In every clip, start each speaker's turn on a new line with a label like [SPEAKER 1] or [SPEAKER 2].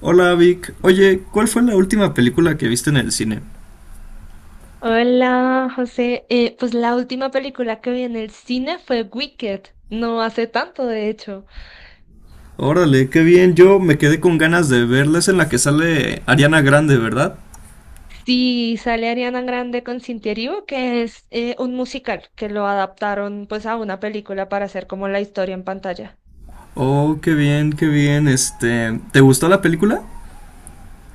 [SPEAKER 1] Hola Vic, oye, ¿cuál fue la última película que viste en el cine?
[SPEAKER 2] Hola, José. Pues la última película que vi en el cine fue Wicked, no hace tanto, de hecho.
[SPEAKER 1] Órale, qué bien, yo me quedé con ganas de verles en la que sale Ariana Grande, ¿verdad?
[SPEAKER 2] Sí, sale Ariana Grande con Cynthia Erivo, que es un musical que lo adaptaron pues a una película para hacer como la historia en pantalla.
[SPEAKER 1] Oh, qué bien, este, ¿te gustó la película?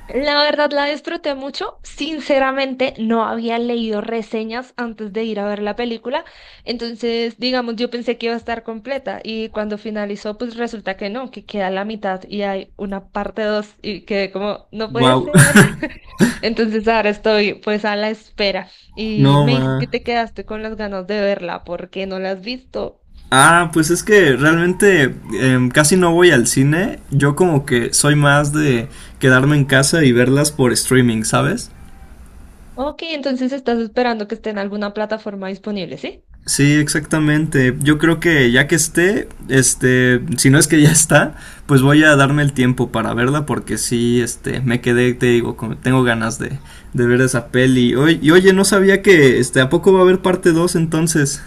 [SPEAKER 2] La verdad la disfruté mucho. Sinceramente, no había leído reseñas antes de ir a ver la película. Entonces, digamos, yo pensé que iba a estar completa y cuando finalizó, pues resulta que no, que queda la mitad y hay una parte dos y quedé como, no puede
[SPEAKER 1] Wow,
[SPEAKER 2] ser. Entonces, ahora estoy pues a la espera y
[SPEAKER 1] no
[SPEAKER 2] me dices que
[SPEAKER 1] ma.
[SPEAKER 2] te quedaste con las ganas de verla porque no la has visto.
[SPEAKER 1] Ah, pues es que realmente casi no voy al cine, yo como que soy más de quedarme en casa y verlas por streaming, ¿sabes?
[SPEAKER 2] Ok, entonces estás esperando que esté en alguna plataforma disponible, ¿sí?
[SPEAKER 1] Sí, exactamente. Yo creo que ya que esté, este, si no es que ya está, pues voy a darme el tiempo para verla porque sí, este, me quedé, te digo, tengo ganas de ver esa peli. Y oye, no sabía que, este, ¿a poco va a haber parte dos, entonces?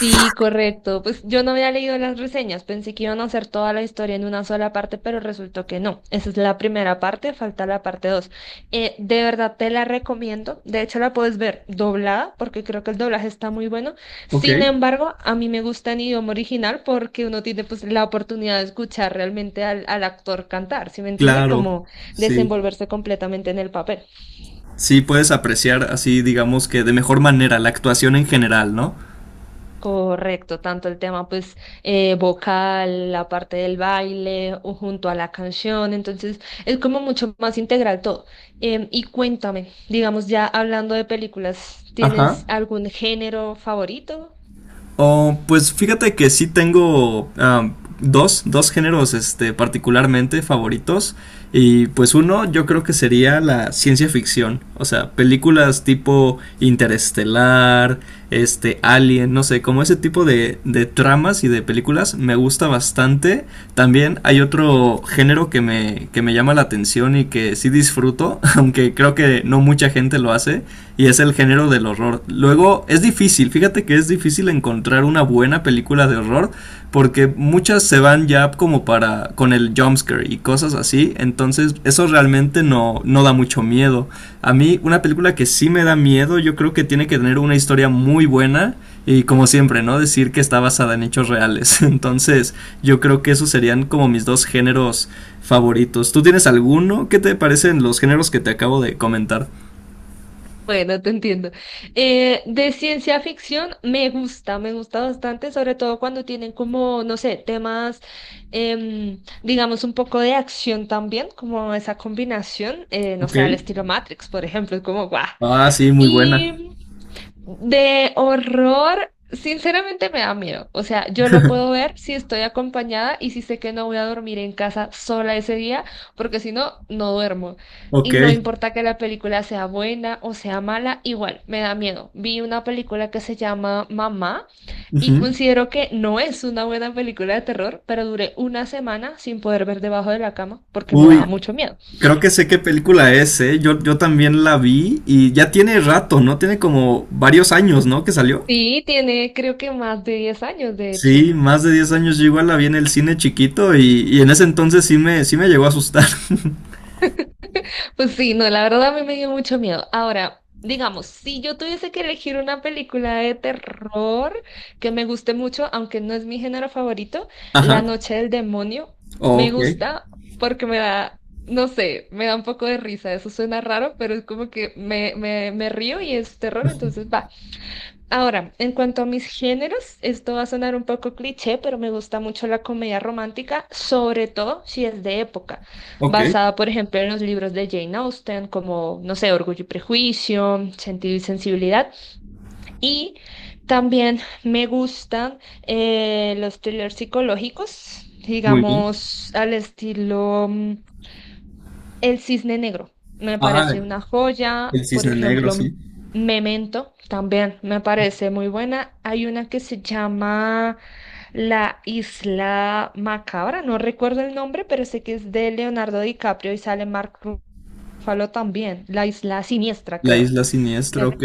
[SPEAKER 2] Sí, correcto. Pues yo no había leído las reseñas, pensé que iban a hacer toda la historia en una sola parte, pero resultó que no. Esa es la primera parte, falta la parte 2. De verdad te la recomiendo. De hecho, la puedes ver doblada, porque creo que el doblaje está muy bueno.
[SPEAKER 1] Ok.
[SPEAKER 2] Sin embargo, a mí me gusta en idioma original porque uno tiene pues la oportunidad de escuchar realmente al actor cantar, ¿sí me entiendes?
[SPEAKER 1] Claro,
[SPEAKER 2] Como
[SPEAKER 1] sí.
[SPEAKER 2] desenvolverse completamente en el papel.
[SPEAKER 1] Sí, puedes apreciar así, digamos que de mejor manera la actuación en general, ¿no?
[SPEAKER 2] Correcto, tanto el tema pues vocal, la parte del baile o junto a la canción, entonces es como mucho más integral todo. Y cuéntame, digamos ya hablando de películas,
[SPEAKER 1] Ajá.
[SPEAKER 2] ¿tienes algún género favorito?
[SPEAKER 1] Oh, pues fíjate que sí tengo dos géneros este, particularmente favoritos. Y pues uno yo creo que sería la ciencia ficción. O sea, películas tipo Interestelar, este, Alien, no sé, como ese tipo de tramas y de películas me gusta bastante. También hay otro género que me llama la atención y que sí disfruto, aunque creo que no mucha gente lo hace, y es el género del horror. Luego, es difícil, fíjate que es difícil encontrar una buena película de horror porque muchas se van ya como para con el jumpscare y cosas así, entonces eso realmente no da mucho miedo. A mí una película que sí me da miedo, yo creo que tiene que tener una historia muy buena y como siempre, ¿no? Decir que está basada en hechos reales. Entonces yo creo que esos serían como mis dos géneros favoritos. ¿Tú tienes alguno? ¿Qué te parecen los géneros que te acabo de comentar?
[SPEAKER 2] Bueno, te entiendo. De ciencia ficción me gusta bastante, sobre todo cuando tienen como, no sé, temas, digamos, un poco de acción también, como esa combinación, no
[SPEAKER 1] Ok.
[SPEAKER 2] sé, al estilo Matrix, por ejemplo, es como, guau.
[SPEAKER 1] Ah, sí, muy buena.
[SPEAKER 2] Y de horror, sinceramente me da miedo. O sea, yo lo puedo ver si estoy acompañada y si sé que no voy a dormir en casa sola ese día, porque si no, no duermo.
[SPEAKER 1] Ok.
[SPEAKER 2] Y no importa que la película sea buena o sea mala, igual me da miedo. Vi una película que se llama Mamá y
[SPEAKER 1] Ujú.
[SPEAKER 2] considero que no es una buena película de terror, pero duré una semana sin poder ver debajo de la cama porque me
[SPEAKER 1] Uy,
[SPEAKER 2] daba mucho miedo.
[SPEAKER 1] creo que sé qué película es, ¿eh? Yo también la vi y ya tiene rato, ¿no? Tiene como varios años, ¿no? Que salió.
[SPEAKER 2] Sí, tiene creo que más de 10 años, de hecho.
[SPEAKER 1] Sí, más de 10 años yo igual la vi en el cine chiquito y en ese entonces sí me llegó a asustar.
[SPEAKER 2] Pues sí, no, la verdad a mí me dio mucho miedo. Ahora, digamos, si yo tuviese que elegir una película de terror que me guste mucho, aunque no es mi género favorito, La
[SPEAKER 1] Ajá.
[SPEAKER 2] Noche del Demonio me
[SPEAKER 1] Ok,
[SPEAKER 2] gusta porque me da, no sé, me da un poco de risa. Eso suena raro, pero es como que me río y es terror, entonces va. Ahora, en cuanto a mis géneros, esto va a sonar un poco cliché, pero me gusta mucho la comedia romántica, sobre todo si es de época,
[SPEAKER 1] ok,
[SPEAKER 2] basada, por ejemplo, en los libros de Jane Austen, como, no sé, Orgullo y Prejuicio, Sentido y Sensibilidad, y también me gustan los thrillers psicológicos,
[SPEAKER 1] muy bien.
[SPEAKER 2] digamos, al estilo el Cisne Negro me
[SPEAKER 1] Ah,
[SPEAKER 2] parece una joya.
[SPEAKER 1] el
[SPEAKER 2] Por
[SPEAKER 1] cisne negro,
[SPEAKER 2] ejemplo,
[SPEAKER 1] sí.
[SPEAKER 2] Memento también me parece muy buena. Hay una que se llama La Isla Macabra, no recuerdo el nombre, pero sé que es de Leonardo DiCaprio y sale Mark Ruffalo también. La Isla Siniestra,
[SPEAKER 1] La
[SPEAKER 2] creo.
[SPEAKER 1] isla siniestra,
[SPEAKER 2] Me-
[SPEAKER 1] ok.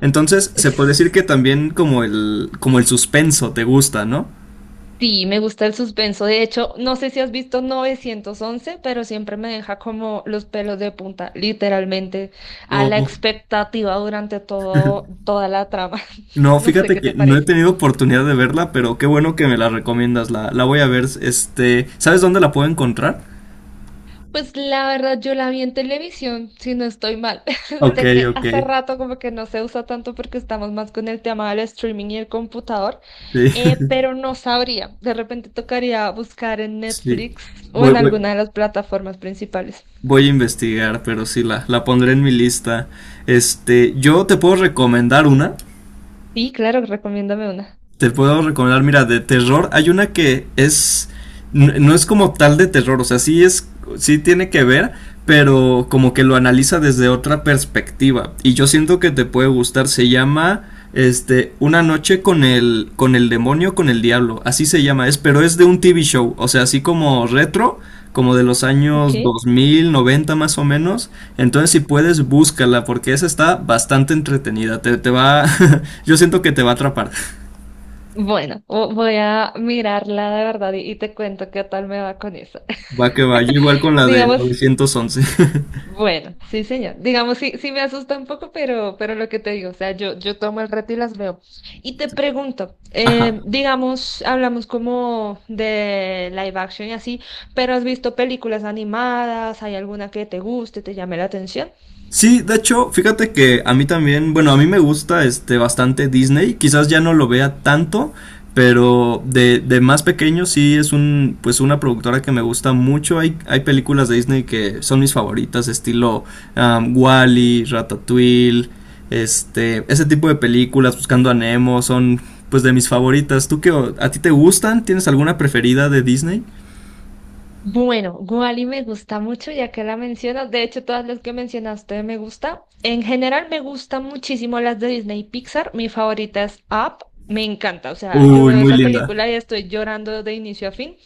[SPEAKER 1] Entonces, se puede
[SPEAKER 2] es-
[SPEAKER 1] decir que también como como el suspenso te gusta, ¿no?
[SPEAKER 2] Sí, me gusta el suspenso. De hecho, no sé si has visto 911, pero siempre me deja como los pelos de punta, literalmente, a la
[SPEAKER 1] O
[SPEAKER 2] expectativa durante toda la trama.
[SPEAKER 1] no,
[SPEAKER 2] No sé
[SPEAKER 1] fíjate
[SPEAKER 2] qué
[SPEAKER 1] que
[SPEAKER 2] te
[SPEAKER 1] no he
[SPEAKER 2] parece.
[SPEAKER 1] tenido oportunidad de verla, pero qué bueno que me la recomiendas. La voy a ver. Este, ¿sabes dónde la puedo encontrar?
[SPEAKER 2] Pues la verdad, yo la vi en televisión, si no estoy mal.
[SPEAKER 1] Ok,
[SPEAKER 2] Sé que
[SPEAKER 1] ok.
[SPEAKER 2] hace rato como que no se usa tanto porque estamos más con el tema del streaming y el computador,
[SPEAKER 1] Sí,
[SPEAKER 2] pero no sabría. De repente tocaría buscar en
[SPEAKER 1] sí.
[SPEAKER 2] Netflix o
[SPEAKER 1] Voy,
[SPEAKER 2] en
[SPEAKER 1] voy,
[SPEAKER 2] alguna de las plataformas principales.
[SPEAKER 1] voy a investigar, pero sí la pondré en mi lista. Este, yo te puedo recomendar una.
[SPEAKER 2] Sí, claro, recomiéndame una.
[SPEAKER 1] Te puedo recomendar, mira, de terror, hay una que es, no es como tal de terror, o sea, sí es, sí tiene que ver, pero como que lo analiza desde otra perspectiva. Y yo siento que te puede gustar, se llama, este, Una noche con el demonio, con el diablo, así se llama, es, pero es de un TV show, o sea, así como retro. Como de los
[SPEAKER 2] Ok.
[SPEAKER 1] años 2000 90 más o menos. Entonces, si puedes, búscala, porque esa está bastante entretenida. Te va. Yo siento que te va a atrapar.
[SPEAKER 2] Bueno, voy a mirarla de verdad y te cuento qué tal me va con eso.
[SPEAKER 1] Va que va, yo igual con la de
[SPEAKER 2] Digamos,
[SPEAKER 1] 911.
[SPEAKER 2] bueno, sí, señor. Digamos, sí, sí me asusta un poco, pero lo que te digo, o sea, yo tomo el reto y las veo. Y te pregunto,
[SPEAKER 1] Ajá.
[SPEAKER 2] digamos, hablamos como de live action y así, pero ¿has visto películas animadas? ¿Hay alguna que te guste, te llame la atención?
[SPEAKER 1] Sí, de hecho, fíjate que a mí también, bueno, a mí me gusta este bastante Disney, quizás ya no lo vea tanto, pero de más pequeño sí es un pues una productora que me gusta mucho. Hay películas de Disney que son mis favoritas, estilo Wally, Ratatouille, este, ese tipo de películas, Buscando a Nemo, son pues de mis favoritas. ¿Tú qué a ti te gustan? ¿Tienes alguna preferida de Disney?
[SPEAKER 2] Bueno, Wally me gusta mucho, ya que la mencionas. De hecho, todas las que mencionaste me gusta. En general, me gustan muchísimo las de Disney y Pixar. Mi favorita es Up. Me encanta, o sea, yo
[SPEAKER 1] Uy,
[SPEAKER 2] veo
[SPEAKER 1] muy
[SPEAKER 2] esa
[SPEAKER 1] linda.
[SPEAKER 2] película y estoy llorando de inicio a fin.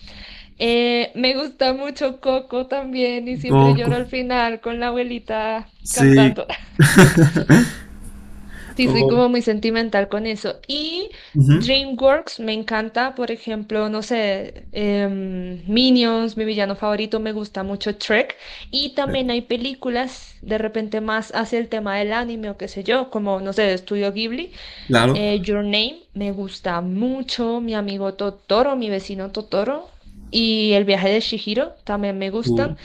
[SPEAKER 2] Me gusta mucho Coco también y siempre
[SPEAKER 1] Goku.
[SPEAKER 2] lloro al final con la abuelita
[SPEAKER 1] Sí,
[SPEAKER 2] cantando. Sí, soy
[SPEAKER 1] o-
[SPEAKER 2] como muy sentimental con eso. Y
[SPEAKER 1] ujú.
[SPEAKER 2] DreamWorks me encanta, por ejemplo, no sé, Minions, mi villano favorito, me gusta mucho Trek. Y también hay películas de repente más hacia el tema del anime o qué sé yo, como, no sé, de Estudio Ghibli.
[SPEAKER 1] Claro.
[SPEAKER 2] Your Name me gusta mucho, mi amigo Totoro, mi vecino Totoro. Y El viaje de Shihiro también me gustan.
[SPEAKER 1] u-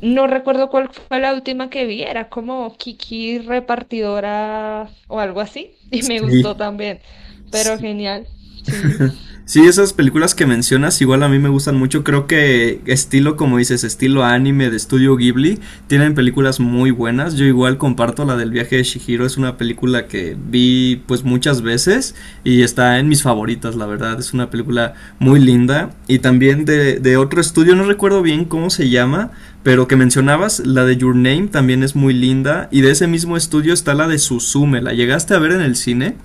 [SPEAKER 2] No recuerdo cuál fue la última que vi, era como Kiki repartidora o algo así, y me gustó
[SPEAKER 1] sí,
[SPEAKER 2] también, pero
[SPEAKER 1] sí.
[SPEAKER 2] genial, sí.
[SPEAKER 1] Sí, esas películas que mencionas igual a mí me gustan mucho. Creo que estilo, como dices, estilo anime de estudio Ghibli, tienen películas muy buenas. Yo igual comparto la del viaje de Shihiro, es una película que vi pues muchas veces y está en mis favoritas, la verdad. Es una película muy linda. Y también de otro estudio, no recuerdo bien cómo se llama, pero que mencionabas, la de Your Name también es muy linda. Y de ese mismo estudio está la de Suzume. ¿La llegaste a ver en el cine?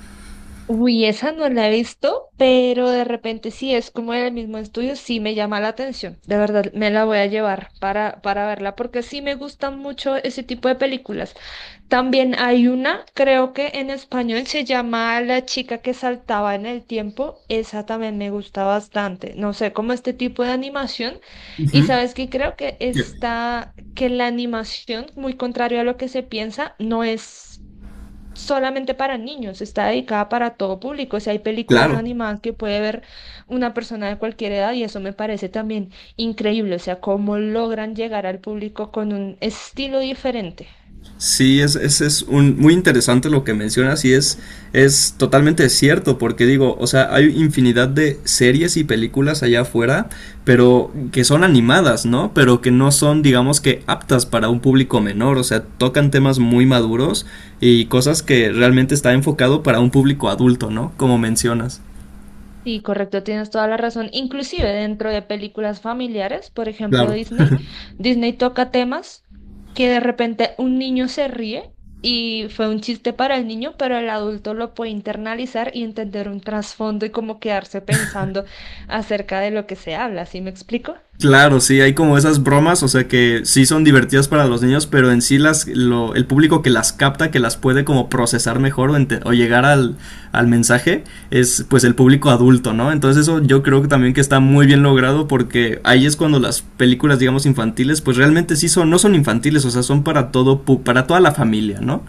[SPEAKER 2] Uy, esa no la he visto, pero de repente sí es como el mismo estudio, sí me llama la atención. De verdad, me la voy a llevar para verla, porque sí me gustan mucho ese tipo de películas. También hay una, creo que en español se llama La chica que saltaba en el tiempo. Esa también me gusta bastante. No sé, como este tipo de animación. Y
[SPEAKER 1] Ujú.
[SPEAKER 2] sabes que creo que está, que la animación, muy contrario a lo que se piensa, no es solamente para niños, está dedicada para todo público. O sea, hay películas
[SPEAKER 1] Claro.
[SPEAKER 2] animadas que puede ver una persona de cualquier edad y eso me parece también increíble. O sea, cómo logran llegar al público con un estilo diferente.
[SPEAKER 1] Sí, es un, muy interesante lo que mencionas y es totalmente cierto, porque digo, o sea, hay infinidad de series y películas allá afuera, pero que son animadas, ¿no? Pero que no son, digamos que, aptas para un público menor, o sea, tocan temas muy maduros y cosas que realmente está enfocado para un público adulto, ¿no? Como mencionas.
[SPEAKER 2] Sí, correcto, tienes toda la razón. Inclusive dentro de películas familiares, por ejemplo
[SPEAKER 1] Claro.
[SPEAKER 2] Disney, Disney toca temas que de repente un niño se ríe y fue un chiste para el niño, pero el adulto lo puede internalizar y entender un trasfondo y como quedarse pensando acerca de lo que se habla, ¿sí me explico?
[SPEAKER 1] Claro, sí, hay como esas bromas, o sea que sí son divertidas para los niños, pero en sí el público que las capta, que las puede como procesar mejor o llegar al, al mensaje, es pues el público adulto, ¿no? Entonces eso yo creo que también que está muy bien logrado porque ahí es cuando las películas, digamos, infantiles, pues realmente sí son, no son infantiles, o sea, son para todo, para toda la familia, ¿no?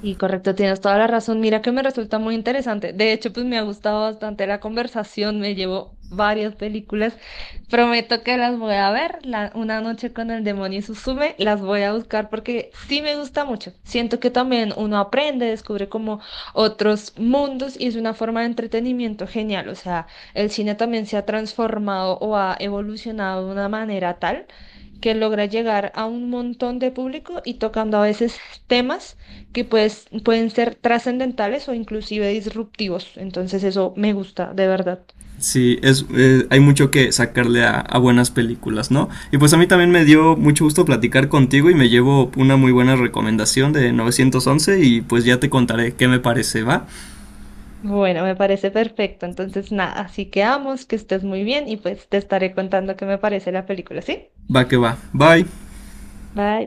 [SPEAKER 2] Y correcto, tienes toda la razón. Mira que me resulta muy interesante. De hecho, pues me ha gustado bastante la conversación. Me llevo varias películas. Prometo que las voy a ver. Una noche con el demonio Suzume, las voy a buscar porque sí me gusta mucho. Siento que también uno aprende, descubre como otros mundos y es una forma de entretenimiento genial. O sea, el cine también se ha transformado o ha evolucionado de una manera tal que logra llegar a un montón de público y tocando a veces temas que pues, pueden ser trascendentales o inclusive disruptivos. Entonces eso me gusta, de verdad.
[SPEAKER 1] Sí, es, hay mucho que sacarle buenas películas, ¿no? Y pues a mí también me dio mucho gusto platicar contigo y me llevo una muy buena recomendación de 911 y pues ya te contaré qué me parece, ¿va?
[SPEAKER 2] Bueno, me parece perfecto. Entonces, nada, así quedamos, que estés muy bien y pues te estaré contando qué me parece la película, ¿sí?
[SPEAKER 1] Va que va. Bye.
[SPEAKER 2] Bye.